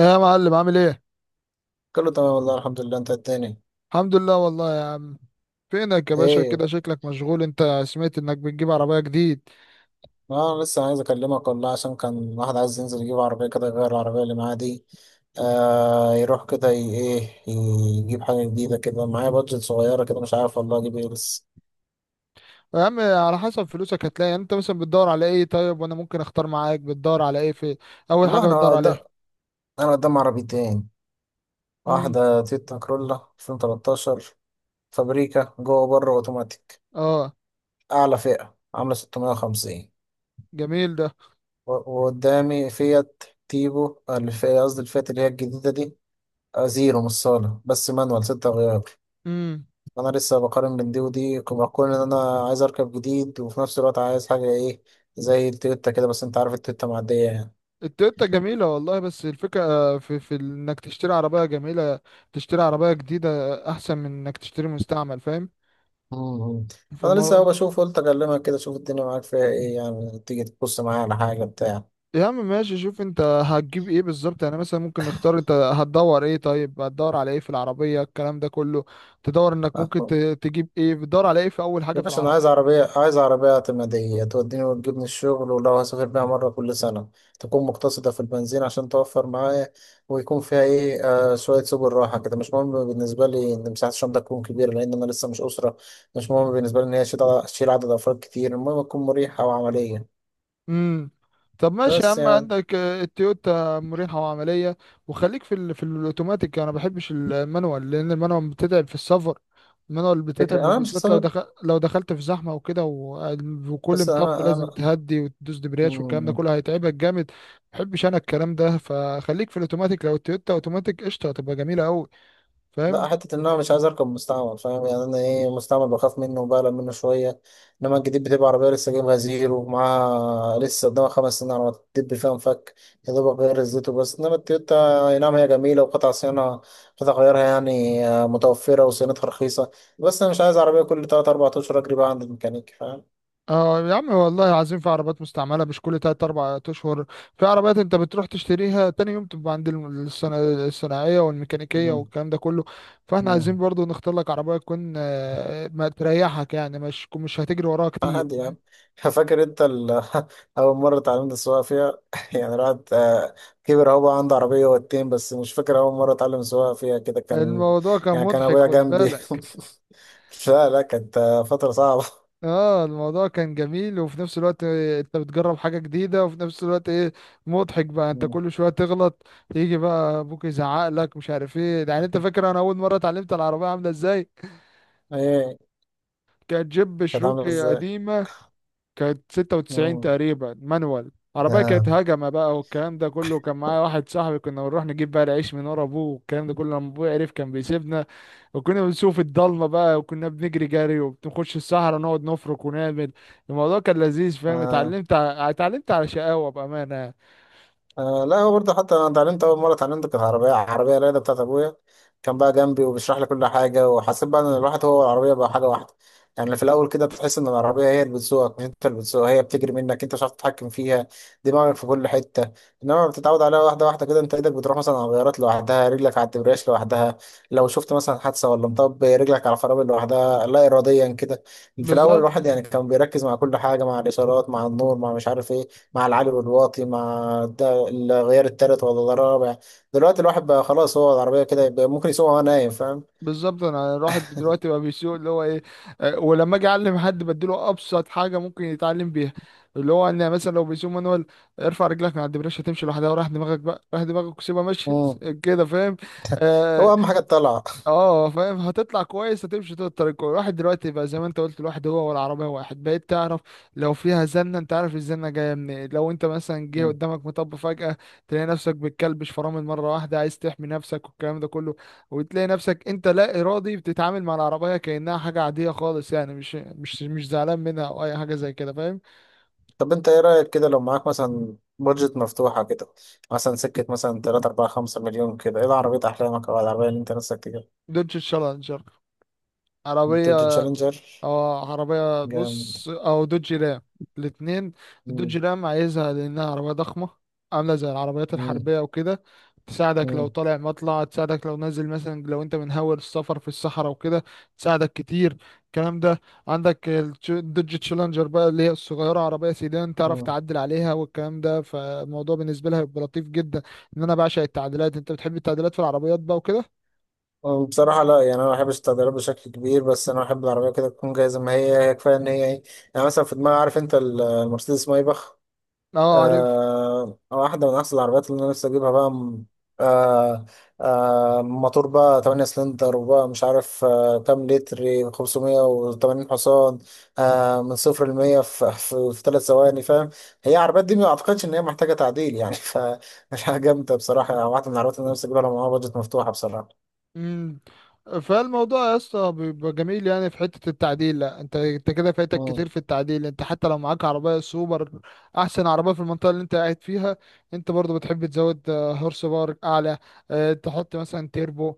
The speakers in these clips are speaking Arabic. ايه يا معلم عامل ايه؟ كله تمام والله الحمد لله، انت التاني. الحمد لله والله يا عم. فينك يا باشا؟ ايه. كده شكلك مشغول. انت سمعت انك بتجيب عربية جديد؟ انا لسه عايز اكلمك والله عشان كان واحد عايز ينزل يجيب عربية كده يغير العربية اللي معاه دي. يروح كده، ايه، يجيب حاجة جديدة كده معايا بادجت صغيرة كده، مش عارف والله اجيب ايه بس. يا عم على حسب فلوسك هتلاقي، يعني انت مثلا بتدور على ايه؟ طيب وانا ممكن اختار معاك. بتدور على ايه في اول والله حاجة انا بتدور قدام عليها؟ انا قدام عربيتين. امم، واحدة تويوتا كرولا 2013، فابريكا جوه بره اوتوماتيك، اه اعلى فئة، عاملة 650. جميل ده. و- وقدامي فيات تيبو، الفئة قصدي الفئة اللي هي الجديدة دي. زيرو مش صالة، بس مانوال 6 غيار. امم، أنا لسه بقارن بين دي ودي، بقول إن أنا عايز أركب جديد وفي نفس الوقت عايز حاجة إيه، زي التويوتا كده. بس أنت عارف التويوتا معدية يعني. التويوتا جميلة والله، بس الفكرة في انك تشتري عربية جميلة، تشتري عربية جديدة احسن من انك تشتري مستعمل، فاهم؟ مم. أنا لسه فالمو- أهو بشوف، قلت أكلمك كده أشوف الدنيا معاك فيها إيه، يعني تيجي تبص معايا على حاجة بتاع. يا عم ماشي، شوف انت هتجيب ايه بالظبط، يعني مثلا ممكن نختار، انت هتدور ايه؟ طيب هتدور على ايه في العربية الكلام ده كله؟ تدور انك ممكن تجيب ايه؟ بتدور على ايه في اول حاجة يا في باشا، انا عايز العربية؟ عربيه، اعتماديه توديني وتجيبني الشغل، ولو هسافر بيها مره كل سنه تكون مقتصده في البنزين عشان توفر معايا، ويكون فيها ايه، شويه سبل راحه كده. مش مهم بالنسبه لي ان مساحه الشنطه تكون كبيره، لان انا لسه مش اسره. مش مهم بالنسبه لي ان هي تشيل عدد افراد كتير، المهم تكون مريحه وعمليه. امم. طب ماشي يا بس عم، يعني عندك التويوتا مريحة وعملية، وخليك في في الاوتوماتيك، انا ما بحبش المانوال لان المانوال بتتعب في السفر. المانوال فكره بتتعب، انا مش وبالذات لو هسافر. لو دخلت في زحمة وكده وكل بس مطب انا لازم انا تهدي وتدوس دبرياج والكلام ده مم. كله هيتعبك جامد، ما بحبش انا الكلام ده. فخليك في الاوتوماتيك، لو التويوتا اوتوماتيك قشطة هتبقى جميلة قوي. فاهم. لا، حتة إن أنا مش عايز أركب مستعمل فاهم، يعني أنا إيه، مستعمل بخاف منه وبقلق منه شوية، إنما الجديد بتبقى عربية لسه جايبها زيرو ومعاها لسه قدامها 5 سنين على ما تدب فيها مفك، يا دوبك غير الزيت وبس. إنما التويوتا أي نعم هي جميلة وقطع صيانة، قطع غيارها يعني متوفرة وصيانتها رخيصة، بس أنا مش عايز عربية كل تلات أربع أشهر أجري بقى عند الميكانيكي فاهم. اه يا عم والله، عايزين في عربيات مستعملة مش كل تلات أربع أشهر. في عربيات أنت بتروح تشتريها تاني يوم تبقى عند الصناعية والميكانيكية مم. والكلام ده كله. فاحنا عايزين مم. برضو نختار لك عربية تكون ما تريحك، يعني مش هتجري وراها كتير، عادي فاهم؟ يعني فاكر انت اول مره اتعلمت السواقه فيها. يعني الواحد كبر اهو، بقى عنده عربيه واتنين، بس مش فاكر اول مره اتعلم السواقه فيها كده كان. الموضوع كان يعني كان مضحك ابويا خد جنبي بالك. لا لا، كانت فتره صعبه. اه الموضوع كان جميل، وفي نفس الوقت انت بتجرب حاجة جديدة، وفي نفس الوقت ايه، مضحك بقى، انت مم. كل شوية تغلط. يجي بقى ابوك يزعق لك مش عارف ايه. يعني انت فاكر انا اول مرة اتعلمت العربية عاملة ازاي؟ ايه. كانت جيب كانت عامله شروكي ازاي. قديمة. كانت ستة وتسعين مم. تقريبا مانوال. عربية كانت آه. هجمة بقى والكلام ده كله، كان معايا واحد صاحبي كنا بنروح نجيب بقى العيش من ورا أبوه والكلام ده كله، لما أبوه عرف كان بيسيبنا. وكنا بنسوق في الضلمة بقى، وكنا بنجري جري وبنخش الصحراء نقعد نفرك ونعمل. الموضوع كان لذيذ فاهم، آه. اتعلمت اتعلمت على شقاوة بأمانة يعني. لا، هو برضه حتى انا اتعلمت، اول مره اتعلمت كانت عربيه، رايده بتاعت ابويا. كان بقى جنبي وبيشرح لي كل حاجه، وحسيت بقى ان الواحد هو العربيه بقى حاجه واحده. يعني في الاول كده بتحس ان العربيه هي اللي بتسوقك مش انت اللي بتسوقها، هي بتجري منك، انت مش عارف تتحكم فيها، دماغك في كل حته. انما بتتعود عليها واحده واحده كده، انت ايدك بتروح مثلا على الغيارات لوحدها، رجلك على الدبرياج لوحدها. لو شفت مثلا حادثه ولا مطب رجلك على الفرامل لوحدها، لا اراديا كده. في الاول الواحد بالظبط. يعني كان بيركز مع كل حاجه، مع الاشارات، مع النور، مع مش عارف ايه، مع العالي والواطي، مع لا غير التالت ولا الرابع. دلوقتي الواحد بقى خلاص، هو العربية كده، يبقى ممكن يسوقها وهو نايم فاهم. بالظبط، انا الواحد دلوقتي بقى بيسوق اللي هو ايه، ولما اجي اعلم حد بديله ابسط حاجه ممكن يتعلم بيها اللي هو ان مثلا لو بيسوق مانوال، ارفع رجلك من على الدبريش هتمشي لوحدها، وراح دماغك بقى، راح دماغك وسيبها ماشيه امم. كده فاهم. آه، هو أهم حاجة الطلعة. اه فاهم، هتطلع كويس هتمشي طول الطريق كويس. الواحد دلوقتي بقى زي ما انت قلت، الواحد هو والعربية واحد، بقيت تعرف لو فيها زنة انت عارف الزنة جاية منين، لو انت مثلا جه مم. قدامك مطب فجأة تلاقي نفسك بتكلبش فرامل مرة واحدة عايز تحمي نفسك والكلام ده كله. وتلاقي نفسك انت لا ارادي بتتعامل مع العربية كأنها حاجة عادية خالص، يعني مش زعلان منها او اي حاجة زي كده فاهم. طب أنت إيه رأيك كده لو معاك مثلا بادجت مفتوحة كده، مثلا سكة مثلا تلاتة أربعة خمسة مليون، كده إيه العربية أحلامك أو العربية اللي أنت نفسك تجيبها؟ دوتش تشالنجر. تويوتا عربية، تشالنجر. اه عربية جامد. بص، او دوج رام. الاتنين. الدوج مم. رام عايزها لانها عربية ضخمة، عاملة زي العربيات مم. الحربية وكده. تساعدك لو مم. طالع مطلع، تساعدك لو نازل، مثلا لو انت من هاول السفر في الصحراء وكده تساعدك كتير الكلام ده. عندك الدوج تشالنجر بقى اللي هي الصغيرة، عربية سيدان تعرف مم. تعدل عليها والكلام ده، فالموضوع بالنسبة لها هيبقى لطيف جدا. ان انا بعشق التعديلات، انت بتحب التعديلات في العربيات بقى وكده؟ بصراحة لا، يعني أنا ما بحبش التغييرات بشكل كبير، بس أنا بحب العربية كده تكون جاية زي ما هي، هي كفاية إن هي إيه، يعني مثلا في دماغي عارف أنت المرسيدس مايباخ. اه عارف. واحدة من أحسن العربيات اللي أنا نفسي أجيبها بقى آه موتور بقى 8 سلندر، وبقى مش عارف كام لتر، 580 حصان، من صفر لمية في 3 ثواني فاهم. هي العربيات دي ما أعتقدش إن هي محتاجة تعديل يعني فمش حاجة جامدة بصراحة، يعني واحدة من العربيات اللي أنا نفسي أجيبها لو معاها بادجت مفتوحة بصراحة. امم، فالموضوع يا اسطى بيبقى جميل يعني في حته التعديل، لا انت انت كده فايتك كتير مم. في التعديل، انت حتى لو معاك عربيه سوبر، احسن عربيه في المنطقه اللي انت قاعد فيها، انت برضو بتحب تزود هورس باور اعلى، تحط مثلا تيربو،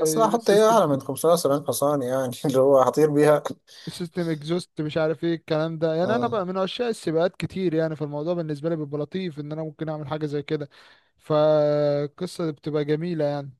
بس لا آه، أحط إيه سيستم، أعلى من 570 حصان يعني اللي هو هطير بيها. سيستم اكزوست مش عارف ايه الكلام ده. يعني انا آه. بقى من عشاق السباقات كتير يعني، فالموضوع بالنسبه لي بيبقى لطيف ان انا ممكن اعمل حاجه زي كده، فالقصه بتبقى جميله يعني.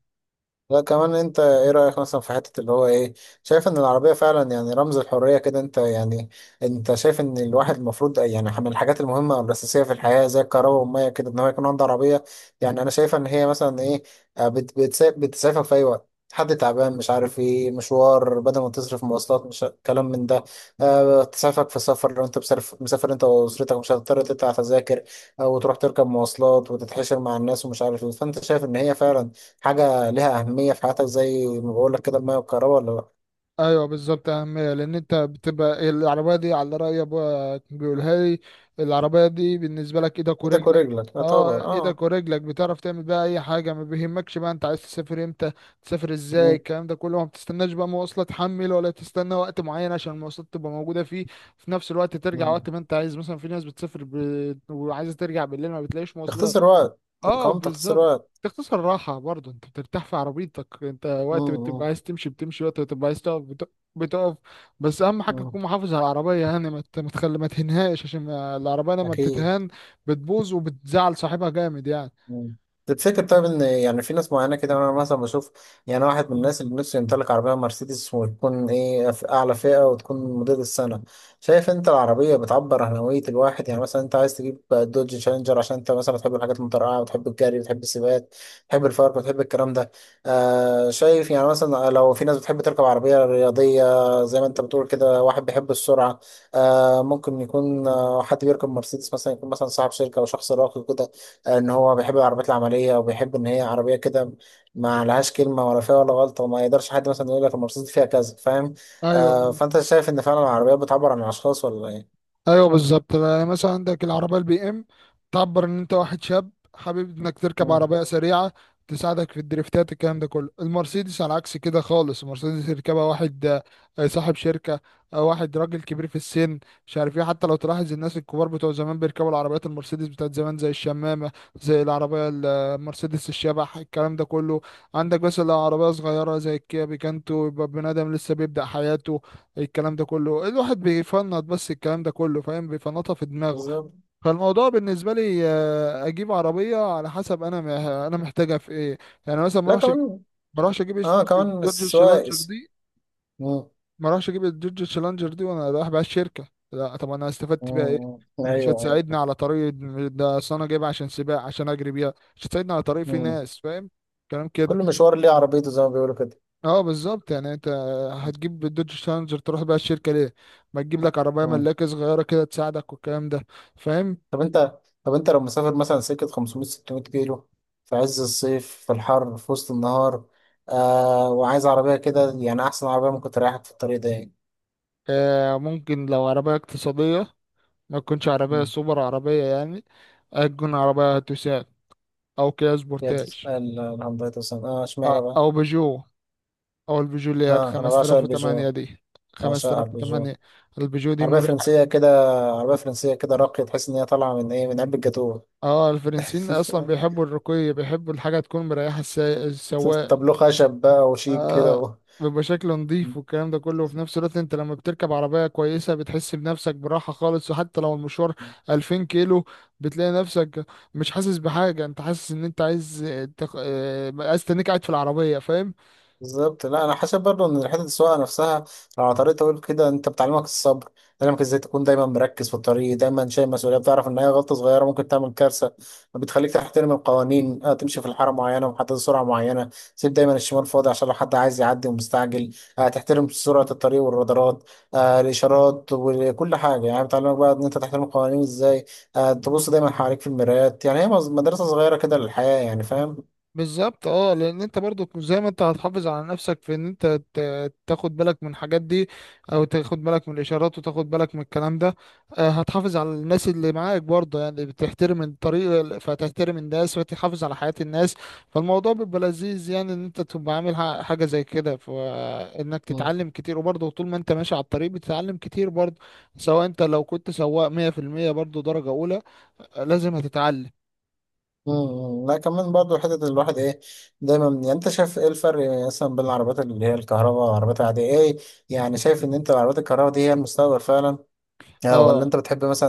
لا كمان انت ايه رأيك مثلا في حتة اللي هو ايه، شايف ان العربية فعلا يعني رمز الحرية كده انت يعني، انت شايف ان الواحد المفروض يعني من الحاجات المهمة والأساسية في الحياة زي الكهرباء والمية كده ان هو يكون عنده عربية. يعني انا شايف ان هي مثلا ايه، بتسافر في اي وقت، حد تعبان مش عارف ايه، مشوار بدل ما تصرف مواصلات، مش كلام من ده. أه، تسافرك في سفر، لو انت مسافر مسافر انت واسرتك مش هتضطر تدفع تذاكر او تروح تركب مواصلات وتتحشر مع الناس ومش عارف ايه. فانت شايف ان هي فعلا حاجة ليها أهمية في حياتك زي ما بقول لك كده، المية والكهرباء ولا لأ؟ ايوه بالظبط، اهميه، لان انت بتبقى العربيه دي على راي ابويا كان بيقولها لي، العربيه دي بالنسبه لك ايدك إيدك ورجلك. ورجلك، لا طبعا اه أه. ايدك ورجلك، بتعرف تعمل بقى اي حاجه ما بيهمكش بقى، انت عايز تسافر امتى تسافر ازاي مم. الكلام ده كله، ما بتستناش بقى مواصله تحمل ولا تستنى وقت معين عشان المواصلات تبقى موجوده فيه. في نفس الوقت ترجع مم. وقت ما انت عايز، مثلا في ناس بتسافر وعايزه ترجع بالليل ما بتلاقيش مواصلات. تختصر وقت. اه كمان تختصر بالظبط. وقت. تختصر راحة برضه، انت بترتاح في عربيتك، انت مم. وقت بتبقى مم. عايز تمشي بتمشي، وقت بتبقى عايز تقف بتقف. بس اهم حاجة مم. تكون محافظ على العربية يعني، ما تهنهاش، عشان ما- العربية لما أكيد. بتتهان بتبوظ وبتزعل صاحبها جامد يعني. مم. تفتكر طيب ان يعني في ناس معينه كده، انا مثلا بشوف يعني واحد من الناس اللي نفسه يمتلك عربيه مرسيدس وتكون ايه في اعلى فئه وتكون موديل السنه. شايف انت العربيه بتعبر عن هويه الواحد، يعني مثلا انت عايز تجيب دوج تشالنجر عشان انت مثلا بتحب الحاجات المترقعه، بتحب الجري، بتحب السباقات، بتحب الفرق، بتحب الكلام ده. شايف، يعني مثلا لو في ناس بتحب تركب عربيه رياضيه زي ما انت بتقول كده، واحد بيحب السرعه، ممكن يكون حد بيركب مرسيدس مثلا، يكون مثلا صاحب شركه او شخص راقي كده، ان هو بيحب العربيات العمليه وبيحب ان هي عربيه كده ما لهاش كلمه ولا فيها ولا غلطه، وما يقدرش حد مثلا يقول لك المرسيدس دي فيها كذا فاهم. ايوه. فانت شايف ان فعلا العربيات بتعبر عن الاشخاص ولا ايه. ايوه بالظبط، يعني مثلا عندك العربيه البي ام تعبر ان انت واحد شاب حابب انك تركب مم، عربيه سريعه، تساعدك في الدريفتات الكلام ده كله. المرسيدس على عكس كده خالص، المرسيدس يركبها واحد صاحب شركه، او واحد راجل كبير في السن مش عارف ايه. حتى لو تلاحظ الناس الكبار بتوع زمان بيركبوا العربيات المرسيدس بتاعت زمان زي الشمامه، زي المرسيدس الشبح الكلام ده كله. عندك بس لو عربيه صغيره زي الكيا بيكانتو يبقى بني ادم لسه بيبدأ حياته الكلام ده كله، الواحد بيفنط بس الكلام ده كله فاهم، بيفنطها في دماغه. بالظبط. فالموضوع بالنسبه لي اجيب عربيه على حسب انا انا محتاجها في ايه، يعني مثلا لا كمان، ما اروحش اجيب الش- اه كمان الدوج السواق شالنجر دي، مم، ما اروحش اجيب الدوج شالنجر دي وانا رايح بقى الشركه، لا طب انا استفدت بيها ايه؟ مم، مش ايوه ايوه. هتساعدني على طريق، ده اصل انا جايبها عشان سباق، عشان اجري بيها، مش هتساعدني على طريق فيه مم. ناس فاهم. كلام كل كده. مشوار ليه عربيته زي ما بيقولوا كده. اه بالظبط، يعني انت هتجيب الدوج شانجر تروح بقى الشركه ليه؟ ما تجيب لك عربيه مم. ملاكه صغيره كده تساعدك والكلام ده. فاهم. طب انت طب انت لو مسافر مثلا سكة 500 600 كيلو في عز الصيف، في الحر، في وسط النهار، وعايز عربية كده، يعني أحسن عربية ممكن تريحك في الطريق ده يعني. آه ممكن، لو عربيه اقتصاديه، ما تكونش عربيه مم. سوبر عربيه يعني، تكون عربيه توسان، او كيا هي سبورتاج، تسأل الهنداي توسان، اشمعنى بقى؟ او بيجو، او البيجو اللي هي ب اه، أنا بعشق البيجو. 5008 دي. بعشقها البيجو. 5008 البيجو دي عربية مريحه. فرنسية كده. عربية فرنسية كده راقية، تحس إن هي طالعة من إيه، من علبة جاتوه. اه الفرنسيين اصلا بيحبوا الرقي، بيحبوا الحاجه تكون مريحه السواق. طب له خشب بقى وشيك كده اه و. بيبقى شكله نضيف والكلام ده كله، وفي نفس الوقت انت لما بتركب عربية كويسة بتحس بنفسك براحة خالص، وحتى لو المشوار 2000 كيلو بتلاقي نفسك مش حاسس بحاجة، انت حاسس ان انت عايز تق... آه، عايز تنك قاعد في العربية فاهم. بالظبط. لا انا حاسب برضه ان حته السواقه نفسها لو على طريق طويل كده انت بتعلمك الصبر، بتعلمك ازاي تكون دايما مركز في الطريق، دايما شايل مسؤوليه، بتعرف ان اي غلطه صغيره ممكن تعمل كارثه، بتخليك تحترم القوانين. تمشي في الحاره معينه ومحدد سرعه معينه، تسيب دايما الشمال فاضي عشان لو حد عايز يعدي ومستعجل، تحترم سرعه الطريق والرادارات، الاشارات وكل حاجه. يعني بتعلمك بقى ان انت تحترم القوانين ازاي، تبص دايما حواليك في المرايات. يعني هي مدرسه صغيره كده للحياه يعني فاهم. بالظبط. اه لان انت برضو زي ما انت هتحافظ على نفسك في ان انت تاخد بالك من الحاجات دي، او تاخد بالك من الاشارات، وتاخد بالك من الكلام ده، هتحافظ على الناس اللي معاك برضه، يعني بتحترم الطريق فتحترم الناس فتحافظ على حياة الناس. فالموضوع بيبقى لذيذ يعني، ان انت تبقى عامل حاجة زي كده، فانك تتعلم كتير، وبرضه طول ما انت ماشي على الطريق بتتعلم كتير برضه، سواء انت لو كنت سواق 100% برضه درجة اولى، لازم هتتعلم. امم. لا كمان برضو حتة الواحد ايه، دايما يعني انت شايف ايه الفرق مثلا بين العربيات اللي هي الكهرباء والعربيات العادية ايه، يعني شايف ان انت العربيات الكهرباء دي هي المستقبل فعلا، ولا اه انت بتحب مثلا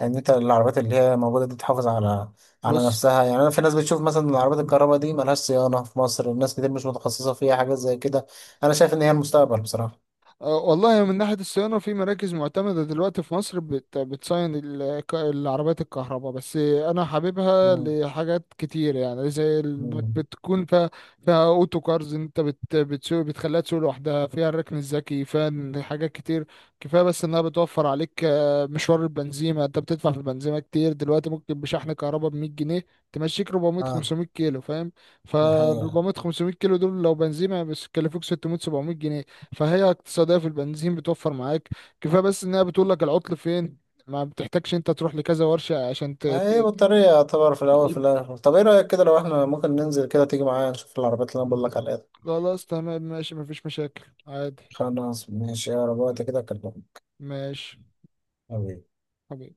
ان انت العربيات اللي هي موجودة دي تحافظ على بص، نفسها، يعني انا في ناس بتشوف مثلا العربيات الكهرباء دي ملهاش صيانة في مصر، الناس كتير مش متخصصة فيها حاجات زي كده. انا شايف ان هي المستقبل بصراحة. والله من ناحية الصيانة في مراكز معتمدة دلوقتي في مصر بتصين العربيات الكهرباء. بس أنا حاببها امم. لحاجات كتير يعني، زي إنك امم. بتكون فيها، فيها أوتو كارز، أنت بتسوق بتخليها تسوق لوحدها، فيها الركن الذكي، فيها إن حاجات كتير. كفاية بس إنها بتوفر عليك مشوار البنزيمة، أنت بتدفع في البنزيمة كتير دلوقتي، ممكن بشحن كهرباء ب 100 جنيه تمشيك 400 اه. 500 كيلو فاهم. ف دي حقيقة. 400 500 كيلو دول لو بنزيمة بس يكلفوك 600 700 جنيه. فهي اقتصادية في البنزين، بتوفر معاك. كفاية بس انها بتقول لك العطل فين، ما بتحتاجش انت تروح لكذا ورشة عشان ما هي بطارية يعتبر في الأول في ت- الآخر. طب إيه رأيك كده لو إحنا ممكن ننزل كده تيجي معايا نشوف العربيات اللي أنا بقول لك عليها دي؟ خلاص تمام ماشي، مفيش مشاكل عادي. خلاص ماشي، يا رب وقت كده أكلمك. ماشي حبيبي.